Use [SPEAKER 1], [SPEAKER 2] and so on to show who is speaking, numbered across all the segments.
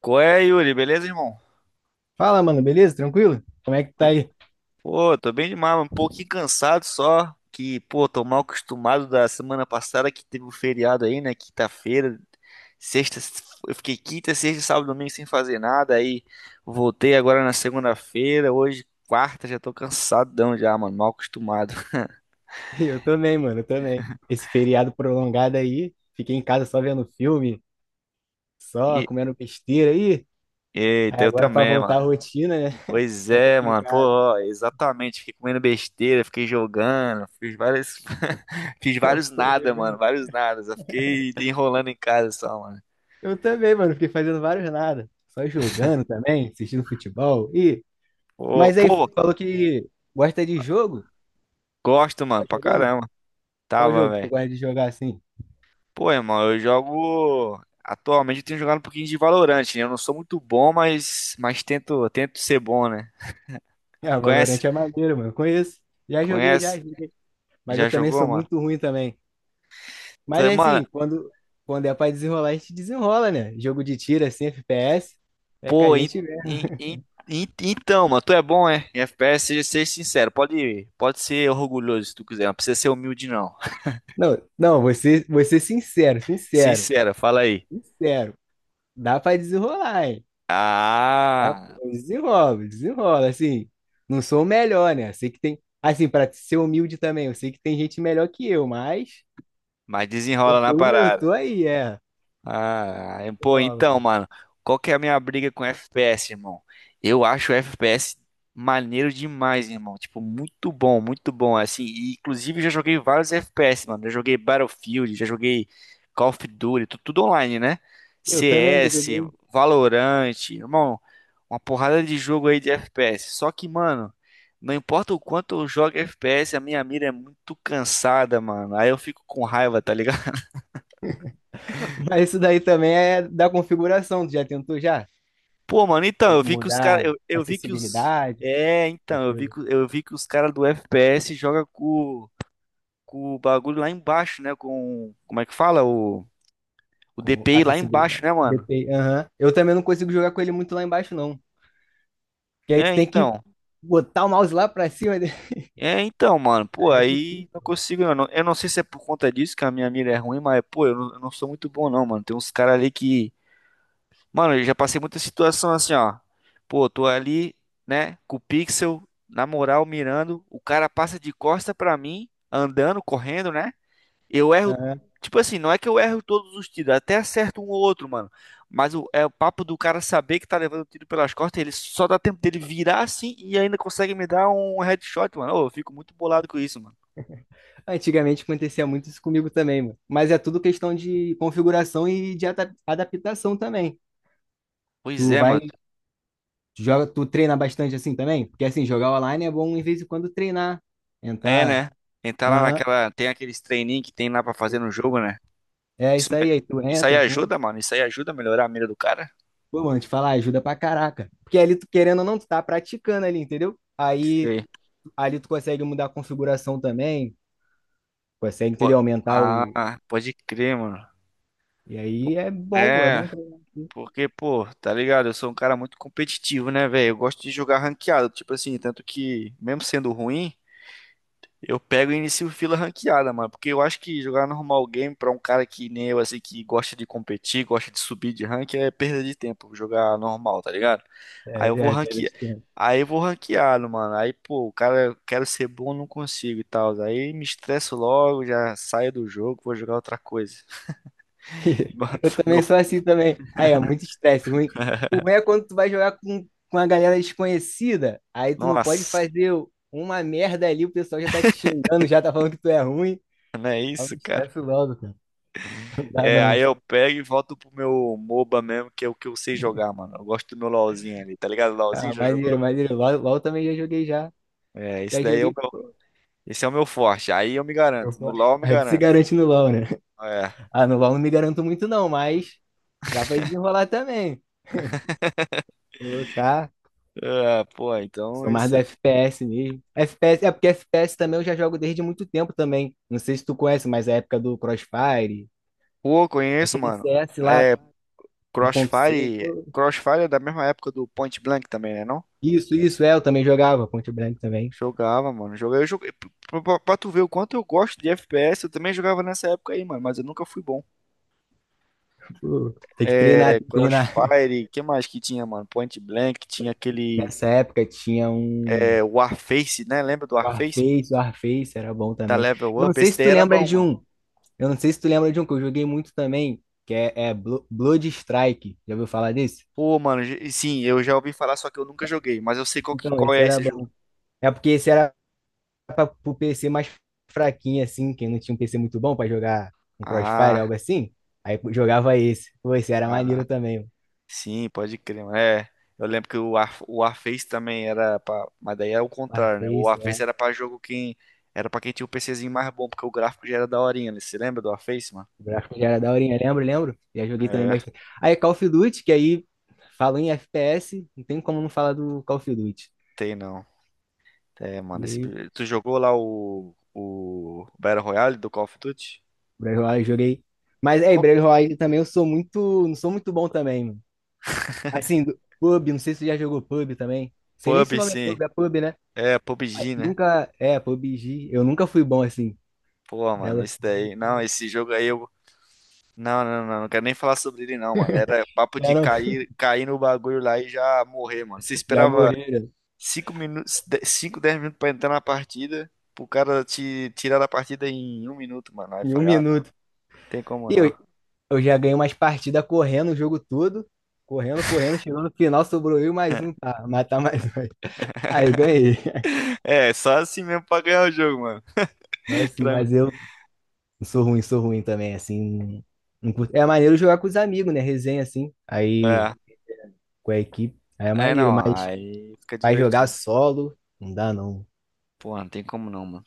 [SPEAKER 1] Qual é, Yuri? Beleza, irmão?
[SPEAKER 2] Fala, mano, beleza? Tranquilo? Como é que tá aí?
[SPEAKER 1] Pô, tô bem demais, um pouquinho cansado só. Que, pô, tô mal acostumado da semana passada que teve o feriado aí, né? Quinta-feira, sexta. Eu fiquei quinta, sexta, sábado, domingo sem fazer nada. Aí voltei agora na segunda-feira. Hoje, quarta, já tô cansadão já, mano. Mal acostumado.
[SPEAKER 2] Eu também, mano, eu também. Esse feriado prolongado aí, fiquei em casa só vendo filme, só
[SPEAKER 1] E,
[SPEAKER 2] comendo besteira aí. Aí
[SPEAKER 1] eita, eu
[SPEAKER 2] agora pra
[SPEAKER 1] também,
[SPEAKER 2] voltar
[SPEAKER 1] mano.
[SPEAKER 2] à rotina, né?
[SPEAKER 1] Pois
[SPEAKER 2] Que é
[SPEAKER 1] é, mano. Pô,
[SPEAKER 2] complicado.
[SPEAKER 1] ó, exatamente. Fiquei comendo besteira, fiquei jogando, fiz vários
[SPEAKER 2] Foi
[SPEAKER 1] nada, mano,
[SPEAKER 2] jogando.
[SPEAKER 1] vários nada. Só fiquei enrolando em casa só, mano.
[SPEAKER 2] Eu também, mano, fiquei fazendo vários nada. Só jogando também, assistindo futebol. E.
[SPEAKER 1] Pô,
[SPEAKER 2] Mas aí, tu
[SPEAKER 1] pô,
[SPEAKER 2] falou que gosta de jogo?
[SPEAKER 1] gosto, mano,
[SPEAKER 2] Tava
[SPEAKER 1] pra
[SPEAKER 2] jogando?
[SPEAKER 1] caramba.
[SPEAKER 2] Qual
[SPEAKER 1] Tava,
[SPEAKER 2] jogo que tu
[SPEAKER 1] velho.
[SPEAKER 2] gosta de jogar assim?
[SPEAKER 1] Pô, irmão, eu jogo. Atualmente eu tenho jogado um pouquinho de Valorant, né? Eu não sou muito bom, mas tento, tento ser bom, né?
[SPEAKER 2] Ah, Valorant
[SPEAKER 1] Conhece?
[SPEAKER 2] é maneiro, mano, eu conheço. Já joguei, já
[SPEAKER 1] Conhece?
[SPEAKER 2] joguei. Mas eu
[SPEAKER 1] Já
[SPEAKER 2] também
[SPEAKER 1] jogou,
[SPEAKER 2] sou
[SPEAKER 1] mano?
[SPEAKER 2] muito ruim também. Mas
[SPEAKER 1] Mano.
[SPEAKER 2] assim, quando é pra desenrolar, a gente desenrola, né? Jogo de tiro, assim, FPS, é que a
[SPEAKER 1] Pô,
[SPEAKER 2] gente vê.
[SPEAKER 1] en- en- então, mano, tu é bom, é? Em FPS, seja, seja sincero, pode, pode ser orgulhoso se tu quiser, não precisa ser humilde, não.
[SPEAKER 2] Não, não, vou ser sincero, sincero,
[SPEAKER 1] Sincera, fala aí.
[SPEAKER 2] sincero. Dá pra desenrolar, hein? Dá,
[SPEAKER 1] Ah,
[SPEAKER 2] desenrola, desenrola, assim. Não sou o melhor, né? Sei que tem. Assim, pra ser humilde também, eu sei que tem gente melhor que eu, mas
[SPEAKER 1] mas
[SPEAKER 2] eu
[SPEAKER 1] desenrola na
[SPEAKER 2] tô, eu
[SPEAKER 1] parada.
[SPEAKER 2] tô aí, é.
[SPEAKER 1] Ah, pô,
[SPEAKER 2] Desenrola,
[SPEAKER 1] então,
[SPEAKER 2] mano.
[SPEAKER 1] mano, qual que é a minha briga com FPS, irmão? Eu acho o FPS maneiro demais, irmão. Tipo, muito bom, muito bom. Assim, inclusive eu já joguei vários FPS, mano. Já joguei Battlefield, já joguei Call of Duty, tudo online, né?
[SPEAKER 2] Eu também já
[SPEAKER 1] CS,
[SPEAKER 2] joguei.
[SPEAKER 1] Valorant, irmão, uma porrada de jogo aí de FPS. Só que, mano, não importa o quanto eu jogo FPS, a minha mira é muito cansada, mano. Aí eu fico com raiva, tá ligado?
[SPEAKER 2] Mas isso daí também é da configuração. Tu já tentou já?
[SPEAKER 1] Pô, mano, então, eu vi que os caras.
[SPEAKER 2] Mudar
[SPEAKER 1] Eu,
[SPEAKER 2] a
[SPEAKER 1] eu vi que os.
[SPEAKER 2] acessibilidade,
[SPEAKER 1] É, então,
[SPEAKER 2] essas
[SPEAKER 1] eu vi
[SPEAKER 2] coisas.
[SPEAKER 1] que, eu vi que os caras do FPS jogam com o bagulho lá embaixo, né? Com. Como é que fala? O
[SPEAKER 2] Com
[SPEAKER 1] DPI lá embaixo,
[SPEAKER 2] acessibilidade.
[SPEAKER 1] né, mano?
[SPEAKER 2] DPI, aham. Eu também não consigo jogar com ele muito lá embaixo, não. Porque aí tu
[SPEAKER 1] É,
[SPEAKER 2] tem que
[SPEAKER 1] então.
[SPEAKER 2] botar o mouse lá pra cima dele.
[SPEAKER 1] É, então, mano. Pô,
[SPEAKER 2] Aí é difícil.
[SPEAKER 1] aí não consigo. Eu não sei se é por conta disso que a minha mira é ruim, mas, pô, eu não sou muito bom, não, mano. Tem uns caras ali que. Mano, eu já passei muita situação assim, ó. Pô, tô ali, né, com o pixel, na moral, mirando. O cara passa de costa pra mim, andando, correndo, né? Eu erro.
[SPEAKER 2] Aham.
[SPEAKER 1] Tipo assim, não é que eu erro todos os tiros, até acerto um ou outro, mano. É o papo do cara saber que tá levando o tiro pelas costas, ele só dá tempo dele virar assim e ainda consegue me dar um headshot, mano. Ô, eu fico muito bolado com isso, mano.
[SPEAKER 2] Antigamente acontecia muito isso comigo também, mano. Mas é tudo questão de configuração e de adaptação também.
[SPEAKER 1] Pois
[SPEAKER 2] Tu
[SPEAKER 1] é, mano.
[SPEAKER 2] vai, tu joga, tu treina bastante assim também? Porque assim, jogar online é bom em vez em quando treinar.
[SPEAKER 1] É,
[SPEAKER 2] Entrar.
[SPEAKER 1] né? Entrar lá
[SPEAKER 2] Aham.
[SPEAKER 1] naquela. Tem aqueles treininhos que tem lá pra fazer no jogo, né?
[SPEAKER 2] É
[SPEAKER 1] Isso,
[SPEAKER 2] isso aí, aí tu
[SPEAKER 1] isso aí
[SPEAKER 2] entra, pum.
[SPEAKER 1] ajuda, mano. Isso aí ajuda a melhorar a mira do cara?
[SPEAKER 2] Pô, mano, te falar, ajuda pra caraca. Porque ali, tu querendo ou não, tu tá praticando ali, entendeu? Aí
[SPEAKER 1] Sei.
[SPEAKER 2] ali tu consegue mudar a configuração também, consegue,
[SPEAKER 1] Pô,
[SPEAKER 2] entendeu? Aumentar o.
[SPEAKER 1] ah, pode crer, mano.
[SPEAKER 2] E
[SPEAKER 1] Pô,
[SPEAKER 2] aí é bom, pô, é
[SPEAKER 1] é,
[SPEAKER 2] bom treinar.
[SPEAKER 1] porque, pô, tá ligado? Eu sou um cara muito competitivo, né, velho? Eu gosto de jogar ranqueado, tipo assim, tanto que, mesmo sendo ruim. Eu pego e inicio fila ranqueada, mano, porque eu acho que jogar normal game pra um cara que nem eu, assim, que gosta de competir, gosta de subir de rank, é perda de tempo jogar normal, tá ligado? Aí
[SPEAKER 2] É,
[SPEAKER 1] eu vou
[SPEAKER 2] é, é perda
[SPEAKER 1] ranquear.
[SPEAKER 2] de tempo.
[SPEAKER 1] Aí eu vou ranqueado, mano. Aí, pô, o cara, quero ser bom, não consigo e tal. Aí me estresso logo, já saio do jogo, vou jogar outra coisa.
[SPEAKER 2] Eu
[SPEAKER 1] Meu,
[SPEAKER 2] também sou assim também. Aí é muito estresse, ruim. O ruim é quando tu vai jogar com a galera desconhecida, aí tu não pode
[SPEAKER 1] nossa,
[SPEAKER 2] fazer uma merda ali, o pessoal já tá te xingando, já tá falando que tu é ruim.
[SPEAKER 1] não é
[SPEAKER 2] Aí
[SPEAKER 1] isso,
[SPEAKER 2] o
[SPEAKER 1] cara?
[SPEAKER 2] estresse logo, cara. Não dá
[SPEAKER 1] É, aí
[SPEAKER 2] não.
[SPEAKER 1] eu pego e volto pro meu MOBA mesmo, que é o que eu sei jogar, mano. Eu gosto do meu LOLzinho ali, tá ligado? LOLzinho
[SPEAKER 2] Ah,
[SPEAKER 1] já jogou?
[SPEAKER 2] maneiro, maneiro. LOL, LOL também já joguei já.
[SPEAKER 1] É, esse
[SPEAKER 2] Já
[SPEAKER 1] daí é o
[SPEAKER 2] joguei.
[SPEAKER 1] meu, esse é o meu forte. Aí eu me
[SPEAKER 2] Eu,
[SPEAKER 1] garanto. No
[SPEAKER 2] pô,
[SPEAKER 1] LoL eu me
[SPEAKER 2] aí tu se
[SPEAKER 1] garanto.
[SPEAKER 2] garante no LOL, né?
[SPEAKER 1] É.
[SPEAKER 2] Ah, no LOL não me garanto muito não, mas dá pra desenrolar também. Colocar.
[SPEAKER 1] É, pô, então
[SPEAKER 2] Sou mais
[SPEAKER 1] esse.
[SPEAKER 2] do FPS mesmo. FPS, é porque FPS também eu já jogo desde muito tempo também. Não sei se tu conhece, mas é a época do Crossfire,
[SPEAKER 1] Pô, conheço,
[SPEAKER 2] aquele
[SPEAKER 1] mano.
[SPEAKER 2] CS lá,
[SPEAKER 1] É,
[SPEAKER 2] 1.6,
[SPEAKER 1] Crossfire.
[SPEAKER 2] pô.
[SPEAKER 1] Crossfire é da mesma época do Point Blank também, né, não?
[SPEAKER 2] Isso, é, eu também jogava, Point Blank também.
[SPEAKER 1] Jogava, mano. Joguei, eu joguei. Pra tu ver o quanto eu gosto de FPS, eu também jogava nessa época aí, mano, mas eu nunca fui bom.
[SPEAKER 2] Pô, tem que treinar,
[SPEAKER 1] É,
[SPEAKER 2] tem que treinar.
[SPEAKER 1] Crossfire, que mais que tinha, mano? Point Blank, tinha aquele
[SPEAKER 2] Nessa época tinha um
[SPEAKER 1] Warface, né? Lembra do Warface, mano?
[SPEAKER 2] Warface, Warface era bom
[SPEAKER 1] Da
[SPEAKER 2] também.
[SPEAKER 1] Level
[SPEAKER 2] Eu não
[SPEAKER 1] Up,
[SPEAKER 2] sei
[SPEAKER 1] esse
[SPEAKER 2] se
[SPEAKER 1] daí
[SPEAKER 2] tu
[SPEAKER 1] era
[SPEAKER 2] lembra
[SPEAKER 1] bom,
[SPEAKER 2] de
[SPEAKER 1] mano.
[SPEAKER 2] um, eu não sei se tu lembra de um que eu joguei muito também, que é Blood Strike. Já ouviu falar desse?
[SPEAKER 1] Pô, mano, sim, eu já ouvi falar, só que eu nunca joguei, mas eu sei qual, que-
[SPEAKER 2] Então,
[SPEAKER 1] qual
[SPEAKER 2] esse
[SPEAKER 1] é
[SPEAKER 2] era
[SPEAKER 1] esse jogo.
[SPEAKER 2] É porque esse era para pro PC mais fraquinho, assim, quem não tinha um PC muito bom para jogar um Crossfire,
[SPEAKER 1] Ah,
[SPEAKER 2] algo assim. Aí jogava esse. Pô, esse era maneiro
[SPEAKER 1] ah,
[SPEAKER 2] também, mano.
[SPEAKER 1] sim, pode crer, mano. É, eu lembro que o Warface também mas daí é o contrário, né? O
[SPEAKER 2] Warface,
[SPEAKER 1] Warface
[SPEAKER 2] é.
[SPEAKER 1] era pra quem tinha o PCzinho mais bom, porque o gráfico já era daorinha, né? Você lembra do Warface, mano?
[SPEAKER 2] O gráfico já era daorinha. Lembro, lembro. Já joguei também
[SPEAKER 1] É,
[SPEAKER 2] bastante. Aí Call of Duty, que aí falo em FPS, não tem como não falar do Call of Duty.
[SPEAKER 1] tem não. É, mano,
[SPEAKER 2] E aí,
[SPEAKER 1] tu jogou lá o Battle Royale do Call of Duty?
[SPEAKER 2] Battle Royale eu joguei. Mas aí, Battle
[SPEAKER 1] Qual-
[SPEAKER 2] Royale também eu sou muito, não sou muito bom também, mano. Assim, PUBG, não sei se você já jogou PUBG também. Sei nem se o
[SPEAKER 1] Pub,
[SPEAKER 2] nome é
[SPEAKER 1] sim.
[SPEAKER 2] PUBG, é PUBG, né?
[SPEAKER 1] É,
[SPEAKER 2] Mas
[SPEAKER 1] PUBG, né?
[SPEAKER 2] nunca, é, PUBG, eu nunca fui bom assim.
[SPEAKER 1] Pô, mano,
[SPEAKER 2] Dela
[SPEAKER 1] esse daí, não, esse jogo aí eu. Não, não, não, não quero nem falar sobre ele, não, mano. Era papo
[SPEAKER 2] já,
[SPEAKER 1] de
[SPEAKER 2] não,
[SPEAKER 1] cair, cair no bagulho lá e já morrer, mano. Você
[SPEAKER 2] já
[SPEAKER 1] esperava
[SPEAKER 2] morreram
[SPEAKER 1] 5 minutos, 5 10 minutos pra entrar na partida, pro cara te tirar da partida em 1 minuto, mano. Aí eu
[SPEAKER 2] em um
[SPEAKER 1] falei, ah, não,
[SPEAKER 2] minuto.
[SPEAKER 1] tem como
[SPEAKER 2] E
[SPEAKER 1] não.
[SPEAKER 2] eu, eu já ganhei umas partidas correndo o jogo todo. Correndo, correndo, chegou no final, sobrou eu e mais um, tá? Matar mais um. Aí ganhei.
[SPEAKER 1] É, só assim mesmo pra ganhar o jogo, mano.
[SPEAKER 2] Mas, assim,
[SPEAKER 1] Pra mim,
[SPEAKER 2] mas eu sou ruim também, assim. Não curto. É maneiro jogar com os amigos, né? Resenha assim. Aí
[SPEAKER 1] é,
[SPEAKER 2] com a equipe, aí é maneiro,
[SPEAKER 1] não,
[SPEAKER 2] mas
[SPEAKER 1] aí fica
[SPEAKER 2] vai jogar
[SPEAKER 1] divertido.
[SPEAKER 2] solo, não dá não.
[SPEAKER 1] Pô, não tem como não, mano.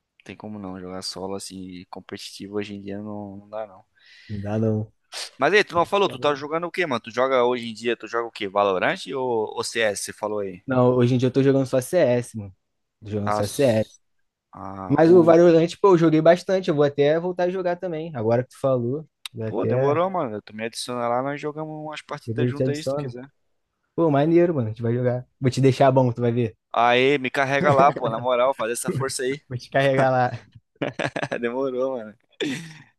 [SPEAKER 1] Não tem como não. Jogar solo assim, competitivo hoje em dia não, não dá, não.
[SPEAKER 2] Não dá não.
[SPEAKER 1] Mas aí, tu não falou, tu tá jogando o quê, mano? Tu joga hoje em dia, tu joga o quê? Valorant ou CS, você falou aí?
[SPEAKER 2] Não, hoje em dia eu tô jogando só CS, mano. Tô jogando
[SPEAKER 1] Ah,
[SPEAKER 2] só CS.
[SPEAKER 1] ah,
[SPEAKER 2] Mas o
[SPEAKER 1] o...
[SPEAKER 2] Valorant, pô, eu joguei bastante. Eu vou até voltar a jogar também. Agora que tu falou, vou
[SPEAKER 1] Pô,
[SPEAKER 2] até.
[SPEAKER 1] demorou, mano. Tu me adiciona lá, nós jogamos umas partidas
[SPEAKER 2] Depois eu te
[SPEAKER 1] juntas aí, se tu
[SPEAKER 2] adiciono.
[SPEAKER 1] quiser.
[SPEAKER 2] Pô, maneiro, mano. A gente vai jogar. Vou te deixar bom, tu vai ver.
[SPEAKER 1] Aí, me carrega lá, pô, na moral, faz essa força aí.
[SPEAKER 2] Vou te carregar lá.
[SPEAKER 1] Demorou, mano.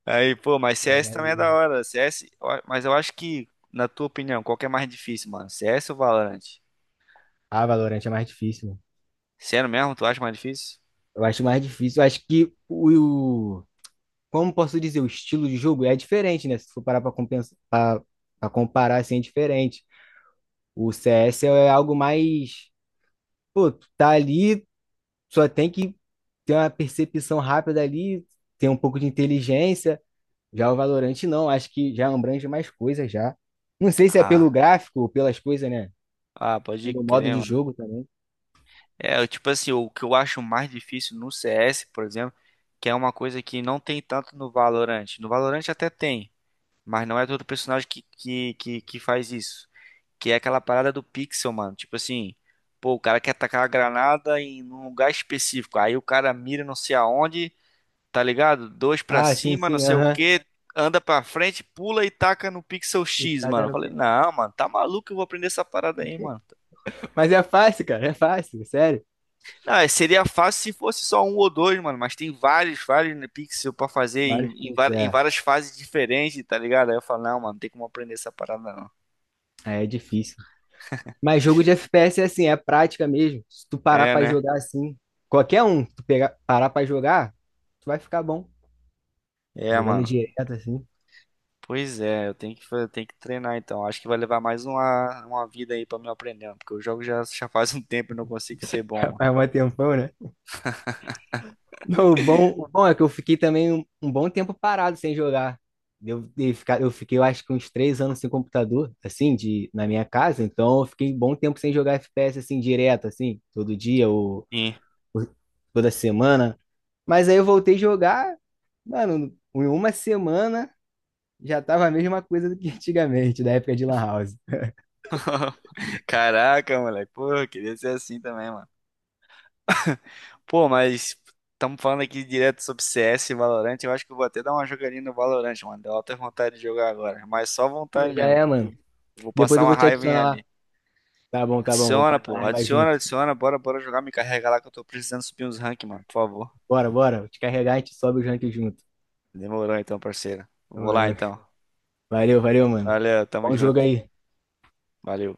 [SPEAKER 1] Aí, pô, mas
[SPEAKER 2] É
[SPEAKER 1] CS também é da
[SPEAKER 2] maneiro.
[SPEAKER 1] hora. CS, ó, mas eu acho que, na tua opinião, qual que é mais difícil, mano? CS ou Valorant?
[SPEAKER 2] Ah, Valorant é mais difícil, mano.
[SPEAKER 1] Sério mesmo, tu acha mais difícil?
[SPEAKER 2] Eu acho mais difícil. Eu acho que o. o- Como posso dizer, o estilo de jogo é diferente, né? Se for parar pra comparar, assim, é diferente. O CS é algo mais. Pô, tu tá ali só tem que ter uma percepção rápida ali, ter um pouco de inteligência. Já o Valorante não, acho que já abrange mais coisas já. Não sei se é pelo
[SPEAKER 1] Ah,
[SPEAKER 2] gráfico ou pelas coisas, né?
[SPEAKER 1] ah, pode
[SPEAKER 2] Pelo modo
[SPEAKER 1] crer.
[SPEAKER 2] de jogo também.
[SPEAKER 1] É, eu, tipo assim, o que eu acho mais difícil no CS, por exemplo, que é uma coisa que não tem tanto no Valorant. No Valorant até tem, mas não é todo personagem que faz isso. Que é aquela parada do pixel, mano. Tipo assim, pô, o cara quer atacar a granada em um lugar específico. Aí o cara mira não sei aonde, tá ligado? Dois pra
[SPEAKER 2] Ah, sim,
[SPEAKER 1] cima, não
[SPEAKER 2] sim,
[SPEAKER 1] sei o
[SPEAKER 2] aham.
[SPEAKER 1] que, anda pra frente, pula e taca no pixel
[SPEAKER 2] E
[SPEAKER 1] X, mano.
[SPEAKER 2] taca
[SPEAKER 1] Eu
[SPEAKER 2] no
[SPEAKER 1] falei,
[SPEAKER 2] pixel.
[SPEAKER 1] não, mano, tá maluco, eu vou aprender essa parada aí, mano.
[SPEAKER 2] Mas é fácil, cara, é fácil, sério.
[SPEAKER 1] Ah, seria fácil se fosse só um ou dois, mano. Mas tem vários, vários né, pixels pra fazer em,
[SPEAKER 2] Vários
[SPEAKER 1] em
[SPEAKER 2] pontos,
[SPEAKER 1] va- em
[SPEAKER 2] é.
[SPEAKER 1] várias fases diferentes, tá ligado? Aí eu falo, não, mano, não tem como aprender essa parada, não.
[SPEAKER 2] É difícil. Mas jogo de FPS é assim, é prática mesmo. Se tu parar
[SPEAKER 1] É,
[SPEAKER 2] pra
[SPEAKER 1] né?
[SPEAKER 2] jogar assim, qualquer um, tu pegar, parar pra jogar, tu vai ficar bom.
[SPEAKER 1] É,
[SPEAKER 2] Jogando
[SPEAKER 1] mano.
[SPEAKER 2] direto assim,
[SPEAKER 1] Pois é, eu tenho que treinar então. Acho que vai levar mais uma vida aí pra me aprender, mano, porque o jogo já faz um tempo e não consigo ser bom, mano.
[SPEAKER 2] faz um tempão, né? Não, o bom é que eu fiquei também um bom tempo parado sem jogar. Eu fiquei, eu acho que uns 3 anos sem computador, assim, na minha casa, então eu fiquei um bom tempo sem jogar FPS, assim, direto, assim, todo dia ou,
[SPEAKER 1] Sim.
[SPEAKER 2] ou toda semana. Mas aí eu voltei a jogar, mano, em uma semana já tava a mesma coisa do que antigamente, da época de Lan House.
[SPEAKER 1] Caraca, moleque. Pô, eu queria ser assim também, mano. Pô, mas estamos falando aqui direto sobre CS e Valorant. Eu acho que eu vou até dar uma jogadinha no Valorant, mano. Deu alta vontade de jogar agora. Mas só
[SPEAKER 2] Pô,
[SPEAKER 1] vontade
[SPEAKER 2] já
[SPEAKER 1] mesmo,
[SPEAKER 2] é,
[SPEAKER 1] porque
[SPEAKER 2] mano.
[SPEAKER 1] eu vou
[SPEAKER 2] Depois
[SPEAKER 1] passar
[SPEAKER 2] eu
[SPEAKER 1] uma
[SPEAKER 2] vou te
[SPEAKER 1] raivinha
[SPEAKER 2] adicionar lá.
[SPEAKER 1] ali.
[SPEAKER 2] Tá bom, vamos
[SPEAKER 1] Adiciona,
[SPEAKER 2] passar a
[SPEAKER 1] pô.
[SPEAKER 2] raiva
[SPEAKER 1] Adiciona,
[SPEAKER 2] junto.
[SPEAKER 1] adiciona. Bora, bora jogar. Me carrega lá que eu tô precisando subir uns rank, mano. Por favor.
[SPEAKER 2] Bora, bora, te carregar, a gente sobe o ranking junto.
[SPEAKER 1] Demorou então, parceiro. Vou lá
[SPEAKER 2] Demorou.
[SPEAKER 1] então.
[SPEAKER 2] Valeu, valeu, mano.
[SPEAKER 1] Valeu, tamo
[SPEAKER 2] Bom jogo
[SPEAKER 1] junto.
[SPEAKER 2] aí.
[SPEAKER 1] Valeu.